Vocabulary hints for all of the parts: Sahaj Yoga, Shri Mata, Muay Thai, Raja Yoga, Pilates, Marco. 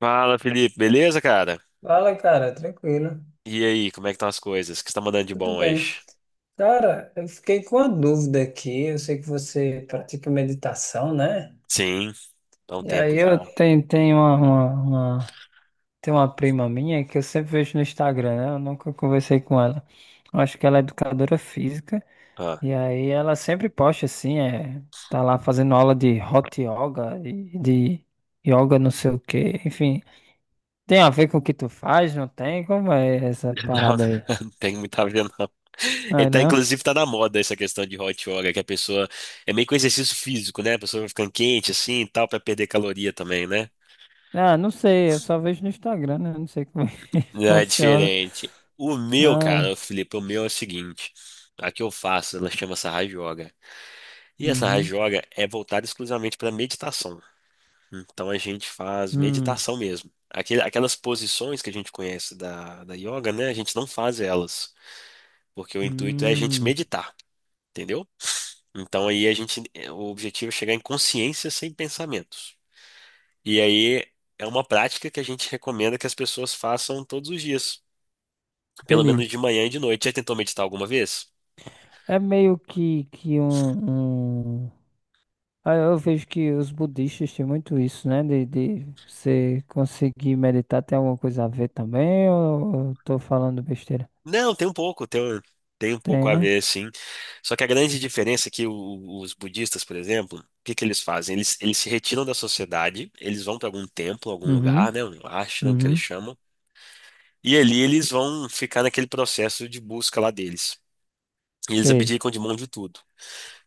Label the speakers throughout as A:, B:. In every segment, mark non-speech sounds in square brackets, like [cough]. A: Fala, Felipe, beleza, cara?
B: Fala, cara, tranquilo.
A: E aí, como é que estão as coisas? O que você tá mandando de
B: Tudo
A: bom
B: bem.
A: hoje?
B: Cara, eu fiquei com uma dúvida aqui. Eu sei que você pratica meditação, né?
A: Sim, há um
B: E
A: tempo
B: aí eu
A: já.
B: tenho tem uma prima minha que eu sempre vejo no Instagram, né? Eu nunca conversei com ela. Eu acho que ela é educadora física.
A: Ah,
B: E aí ela sempre posta assim, tá lá fazendo aula de hot yoga e de yoga não sei o quê. Enfim, tem a ver com o que tu faz, não tem? Como é essa
A: [laughs] não,
B: parada aí?
A: não tem muito a ver, não.
B: Não
A: Ele
B: é
A: tá,
B: não?
A: inclusive, tá na moda essa questão de hot yoga, que a pessoa é meio que um exercício físico, né? A pessoa vai ficando quente assim e tal, pra perder caloria também, né?
B: Ah, não sei, eu só vejo no Instagram, né? Não sei como [laughs] é que
A: Não, é
B: funciona.
A: diferente. O meu,
B: Ah,
A: cara, o Felipe, o meu é o seguinte: a que eu faço, ela chama Sahaj Yoga. E essa
B: uhum,
A: Raja Yoga é voltada exclusivamente para meditação. Então a gente faz
B: hum,
A: meditação mesmo. Aquelas posições que a gente conhece da yoga, né? A gente não faz elas, porque o intuito é a gente
B: hum,
A: meditar, entendeu? Então aí a gente, é, o objetivo é chegar em consciência sem pensamentos. E aí é uma prática que a gente recomenda que as pessoas façam todos os dias, pelo menos
B: entendi.
A: de manhã e de noite. Já tentou meditar alguma vez?
B: É meio que... Ah, eu vejo que os budistas têm muito isso, né? De você conseguir meditar, tem alguma coisa a ver também? Ou eu tô falando besteira?
A: Não, tem um pouco, tem um
B: Tem,
A: pouco a
B: né?
A: ver, sim. Só que a grande diferença é que os budistas, por exemplo, o que que eles fazem? Eles se retiram da sociedade, eles vão para algum templo, algum
B: Uhum,
A: lugar, né? Um ashram que eles
B: uhum.
A: chamam, e ali eles vão ficar naquele processo de busca lá deles. E eles
B: Sei,
A: abdicam de mão de tudo.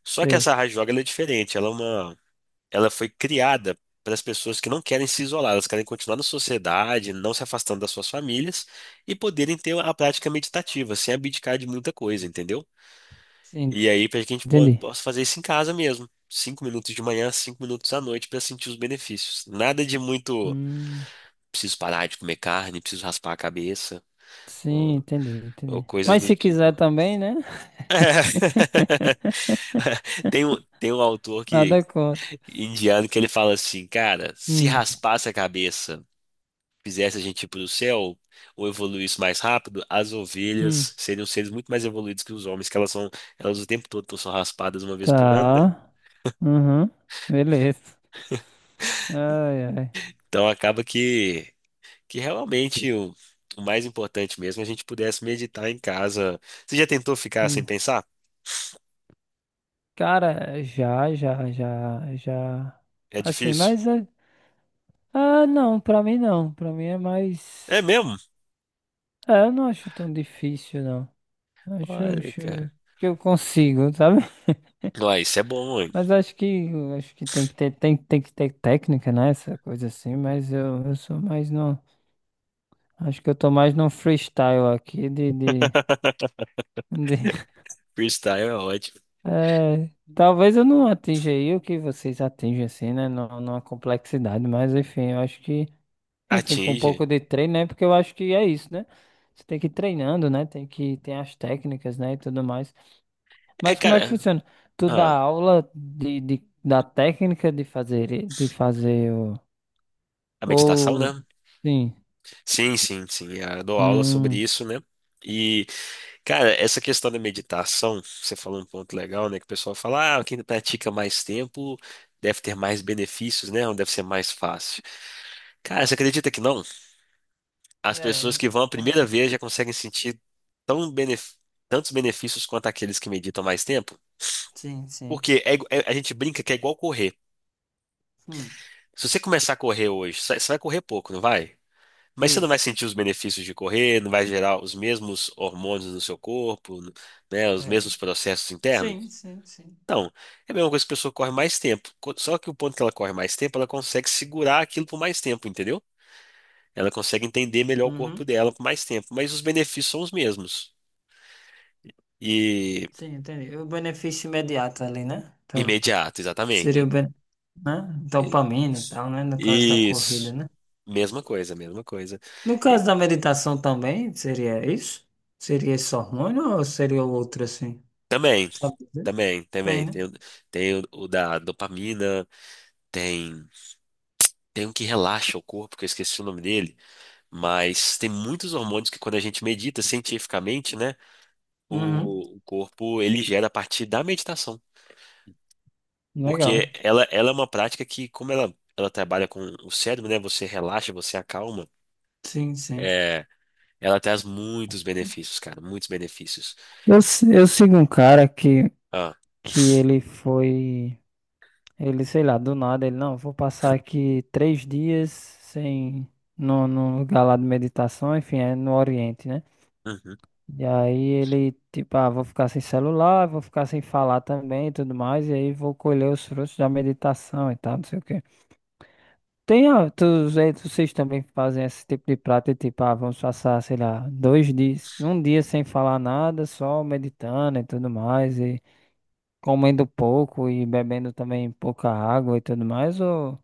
A: Só que
B: sei.
A: essa raja yoga ela é diferente, ela foi criada para as pessoas que não querem se isolar, elas querem continuar na sociedade, não se afastando das suas famílias e poderem ter a prática meditativa, sem abdicar de muita coisa, entendeu?
B: Sim,
A: E aí, para que a gente
B: entendi.
A: possa fazer isso em casa mesmo. Cinco minutos de manhã, 5 minutos à noite para sentir os benefícios. Nada de muito.
B: Hum,
A: Preciso parar de comer carne, preciso raspar a cabeça,
B: sim,
A: ou,
B: entendi,
A: ou
B: entendi.
A: coisas
B: Mas
A: do
B: se
A: tipo.
B: quiser também, né?
A: [laughs]
B: [laughs]
A: Tem um autor que,
B: Nada contra.
A: indiano que ele fala assim, cara, se
B: Hum,
A: raspasse a cabeça, fizesse a gente ir pro céu, ou evoluísse mais rápido, as
B: hum.
A: ovelhas seriam seres muito mais evoluídos que os homens, que elas são, elas o tempo todo são raspadas uma vez por ano, né?
B: Tá. Uhum. Beleza. Ai, ai.
A: Então acaba que realmente o mais importante mesmo é a gente pudesse meditar em casa. Você já tentou ficar sem
B: Entendi.
A: pensar?
B: Cara, já, já, já, já.
A: É
B: Assim,
A: difícil?
B: mas. é- Ah, não, pra mim não. Pra mim é mais.
A: É mesmo?
B: É, eu não acho tão difícil, não. Acho,
A: Olha,
B: acho
A: cara.
B: que eu consigo, sabe? [laughs]
A: Ué, isso é bom, hein?
B: Mas acho que tem que ter técnica, né? Essa coisa assim, mas eu sou mais no. Acho que eu tô mais no freestyle aqui
A: [laughs]
B: De-
A: Freestyle é ótimo.
B: É, talvez eu não atinja aí o que vocês atingem, assim, né? Não, numa complexidade, mas enfim, eu acho que, enfim, com um
A: Atinge.
B: pouco de treino, né? Porque eu acho que é isso, né? Você tem que ir treinando, né? Tem que tem as técnicas, né? E tudo mais.
A: É,
B: Mas como é que
A: cara.
B: funciona? Tu dá
A: Ah,
B: aula da técnica de fazer, de fazer o.
A: a meditação,
B: Ou.
A: né?
B: Sim.
A: Sim, sim, sim. Ah, eu dou aula sobre
B: Hum.
A: isso, né? E, cara, essa questão da meditação, você falou um ponto legal, né? Que o pessoal fala, ah, quem pratica mais tempo deve ter mais benefícios, né? Ou deve ser mais fácil. Cara, você acredita que não? As pessoas
B: É,
A: que vão a primeira
B: eu-
A: vez já conseguem sentir tão benef- tantos benefícios quanto aqueles que meditam mais tempo.
B: Sim, sim.
A: Porque a gente brinca que é igual correr.
B: Hum,
A: Se você começar a correr hoje, você vai correr pouco, não vai? Mas você não vai
B: isso.
A: sentir os benefícios de correr, não vai gerar os mesmos hormônios no seu corpo, né, os
B: É.
A: mesmos processos internos?
B: Sim, sim, sim.
A: Então, é a mesma coisa que a pessoa corre mais tempo. Só que o ponto que ela corre mais tempo, ela consegue segurar aquilo por mais tempo, entendeu? Ela consegue entender melhor o corpo
B: Uhum.
A: dela por mais tempo, mas os benefícios são os mesmos. e
B: Sim, entendi. O benefício imediato ali, né? Tá.
A: Imediato,
B: Seria o
A: exatamente.
B: ben... né?
A: I-
B: Dopamina e tal, né? No caso da corrida,
A: Isso.
B: né?
A: Mesma coisa, mesma coisa.
B: No
A: E
B: caso da meditação também, seria isso? Seria esse hormônio ou seria outro assim?
A: também,
B: Sabe dizer?
A: também,
B: Bem,
A: também.
B: né?
A: Tem, tem o da dopamina, tem, tem um que relaxa o corpo, que eu esqueci o nome dele, mas tem muitos hormônios que quando a gente medita cientificamente, né,
B: Uhum.
A: o corpo ele gera a partir da meditação. Porque
B: Legal.
A: ela é uma prática que, como ela trabalha com o cérebro, né, você relaxa, você acalma,
B: Sim, sim.
A: é, ela traz muitos benefícios, cara, muitos benefícios.
B: Eu, se- eu sigo um cara que,
A: Ah,
B: que ele foi, ele, sei lá, do nada, ele, não, vou passar aqui 3 dias sem, no lugar lá de meditação, enfim, é no Oriente, né?
A: uhum.
B: E aí ele, tipo, ah, vou ficar sem celular, vou ficar sem falar também e tudo mais, e aí vou colher os frutos da meditação e tal, não sei o quê. Tem, ah, tu, aí vocês também fazem esse tipo de prática, tipo, ah, vamos passar, sei lá, 2 dias, um dia sem falar nada, só meditando e tudo mais, e comendo pouco e bebendo também pouca água e tudo mais, ou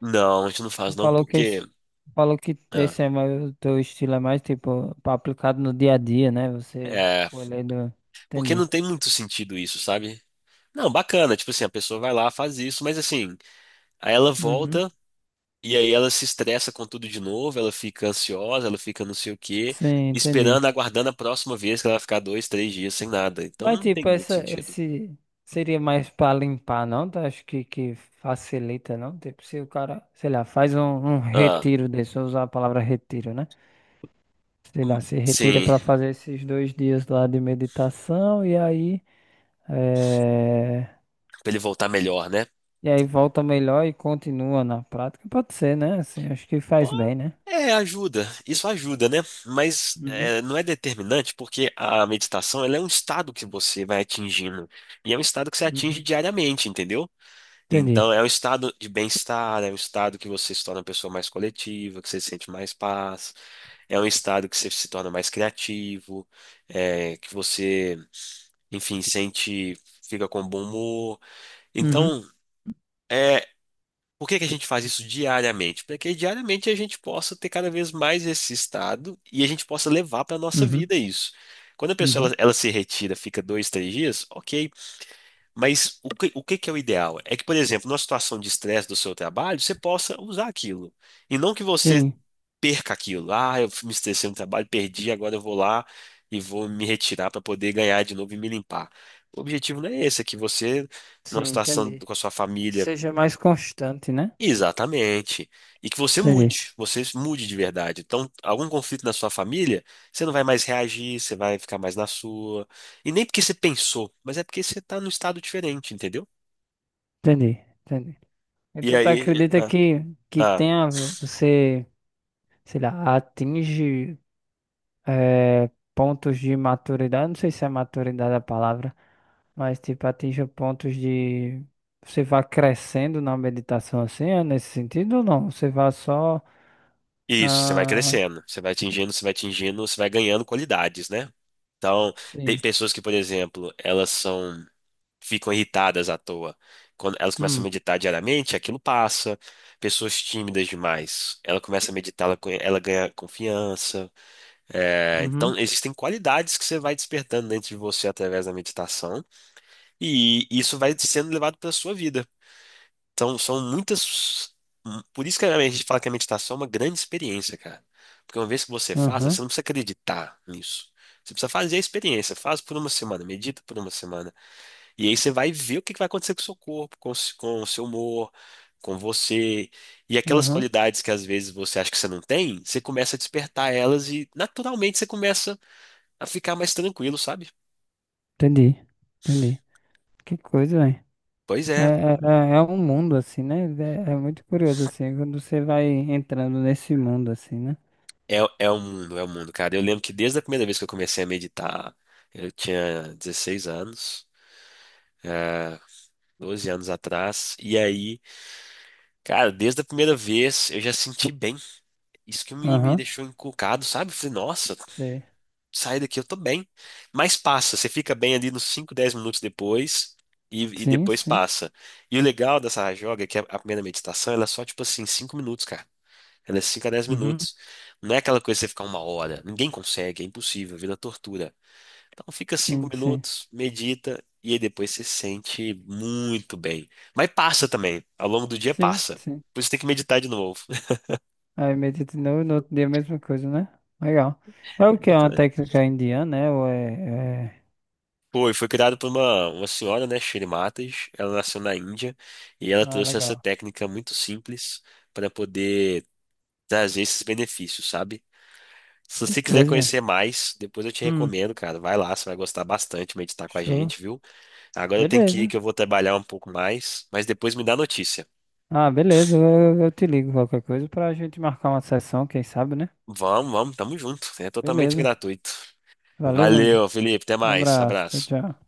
A: Não, a gente não faz
B: tu
A: não porque
B: falou que
A: ah,
B: esse é mais, o teu estilo é mais, tipo, aplicado no dia a dia, né? Você
A: é,
B: colhendo,
A: porque
B: entendi.
A: não tem muito sentido isso, sabe? Não, bacana, tipo assim, a pessoa vai lá, faz isso, mas assim, aí ela
B: Uhum.
A: volta e aí ela se estressa com tudo de novo, ela fica ansiosa, ela fica não sei o quê,
B: Sim,
A: esperando,
B: entendi.
A: aguardando a próxima vez que ela vai ficar dois, três dias sem nada. Então
B: Mas
A: não tem
B: tipo,
A: muito
B: essa,
A: sentido.
B: esse seria mais para limpar, não? Tu acho que facilita, não? Tipo, se o cara, sei lá, faz um
A: Ah,
B: retiro desse, eu usar a palavra retiro, né? Sei
A: hum,
B: lá, se retira
A: sim,
B: para fazer esses 2 dias lá de meditação eh,
A: pra ele voltar melhor, né?
B: e aí volta melhor e continua na prática. Pode ser, né? Assim, acho que
A: Pô,
B: faz bem, né?
A: é, ajuda. Isso ajuda, né? Mas
B: Uhum,
A: é, não é determinante porque a meditação ela é um estado que você vai atingindo. E é um estado que você atinge
B: uhum.
A: diariamente, entendeu?
B: Entendi.
A: Então, é um estado de bem-estar, é um estado que você se torna uma pessoa mais coletiva, que você sente mais paz, é um estado que você se torna mais criativo, é, que você, enfim, sente, fica com bom humor.
B: Uhum,
A: Então, é, por que que a gente faz isso diariamente? Para que diariamente a gente possa ter cada vez mais esse estado e a gente possa levar para a nossa
B: uhum,
A: vida isso. Quando a pessoa
B: uhum.
A: ela se retira, fica dois, três dias, ok. Mas o que que é o ideal? É que, por exemplo, numa situação de estresse do seu trabalho, você possa usar aquilo. E não que você
B: Sim,
A: perca aquilo. Ah, eu me estressei no trabalho, perdi, agora eu vou lá e vou me retirar para poder ganhar de novo e me limpar. O objetivo não é esse, é que você,
B: sim,
A: numa situação
B: entendi.
A: com a sua família,
B: Seja mais constante, né?
A: exatamente. E que você
B: Entendi,
A: mude, você mude de verdade. Então, algum conflito na sua família, você não vai mais reagir, você vai ficar mais na sua. E nem porque você pensou, mas é porque você está num estado diferente, entendeu?
B: entendi, entendi.
A: E
B: Então tu
A: aí,
B: acredita
A: ah,
B: que
A: ah,
B: tenha, você, sei lá, atinge eh, pontos de maturidade, não sei se é maturidade a palavra, mas tipo, atinge pontos de, você vai crescendo na meditação assim, é nesse sentido ou não? Você vai só,
A: isso, você vai
B: ah,
A: crescendo, você vai atingindo, você vai ganhando qualidades, né? Então, tem
B: sim,
A: pessoas que, por exemplo, elas são ficam irritadas à toa. Quando elas começam a
B: hum,
A: meditar diariamente, aquilo passa. Pessoas tímidas demais, ela começa a meditar, ela, ela ganha confiança. É,
B: uhum,
A: então, existem qualidades que você vai despertando dentro de você através da meditação, e isso vai sendo levado para a sua vida. Então, são muitas. Por isso que a gente fala que a meditação é uma grande experiência, cara. Porque uma vez que você faça, você
B: uhum,
A: não precisa acreditar nisso. Você precisa fazer a experiência. Faz por uma semana, medita por uma semana. E aí você vai ver o que que vai acontecer com o seu corpo, com o seu humor, com você. E aquelas
B: uhum,
A: qualidades que às vezes você acha que você não tem, você começa a despertar elas e naturalmente você começa a ficar mais tranquilo, sabe?
B: entendi, entendi. Que coisa, hein?
A: Pois
B: É,
A: é,
B: é, é é um mundo assim, né? É muito curioso assim, quando você vai entrando nesse mundo assim, né?
A: é um mundo, cara. Eu lembro que desde a primeira vez que eu comecei a meditar, eu tinha 16 anos. É, 12 anos atrás, e aí, cara, desde a primeira vez eu já senti bem. Isso que me
B: Aham,
A: deixou encucado, sabe? Falei, nossa,
B: sei.
A: sai daqui, eu tô bem. Mas passa, você fica bem ali nos 5, 10 minutos depois e
B: Sim,
A: depois
B: sim.
A: passa. E o legal dessa rajoga é que a primeira meditação, ela é só tipo assim, 5 minutos, cara. Ela é 5 a 10
B: Uhum.
A: minutos. Não é aquela coisa que você ficar uma hora. Ninguém consegue, é impossível, vira tortura. Então fica 5
B: Sim, sim.
A: minutos, medita e aí depois você se sente muito bem. Mas passa também, ao longo do dia
B: Sim,
A: passa.
B: sim.
A: Por isso tem que meditar de novo.
B: Aí medita de novo, no outro dia a mesma coisa, né? Legal. É o que é uma
A: [laughs]
B: técnica indiana, né? Ou é...
A: Foi criado por uma senhora, né, Shri Matas. Ela nasceu na Índia e ela
B: Ah,
A: trouxe essa
B: legal.
A: técnica muito simples para poder trazer esses benefícios, sabe? Se
B: Que
A: você quiser
B: coisa, velho.
A: conhecer mais, depois eu te
B: Hum,
A: recomendo, cara. Vai lá, você vai gostar bastante de meditar com a
B: show.
A: gente, viu? Agora eu tenho que ir,
B: Beleza.
A: que eu vou trabalhar um pouco mais, mas depois me dá notícia.
B: Ah, beleza. Eu te ligo qualquer coisa pra gente marcar uma sessão, quem sabe, né?
A: Vamos, vamos, tamo junto. É totalmente
B: Beleza.
A: gratuito.
B: Valeu, meu amigo.
A: Valeu, Felipe. Até
B: Um
A: mais.
B: abraço. Tchau,
A: Abraço.
B: tchau.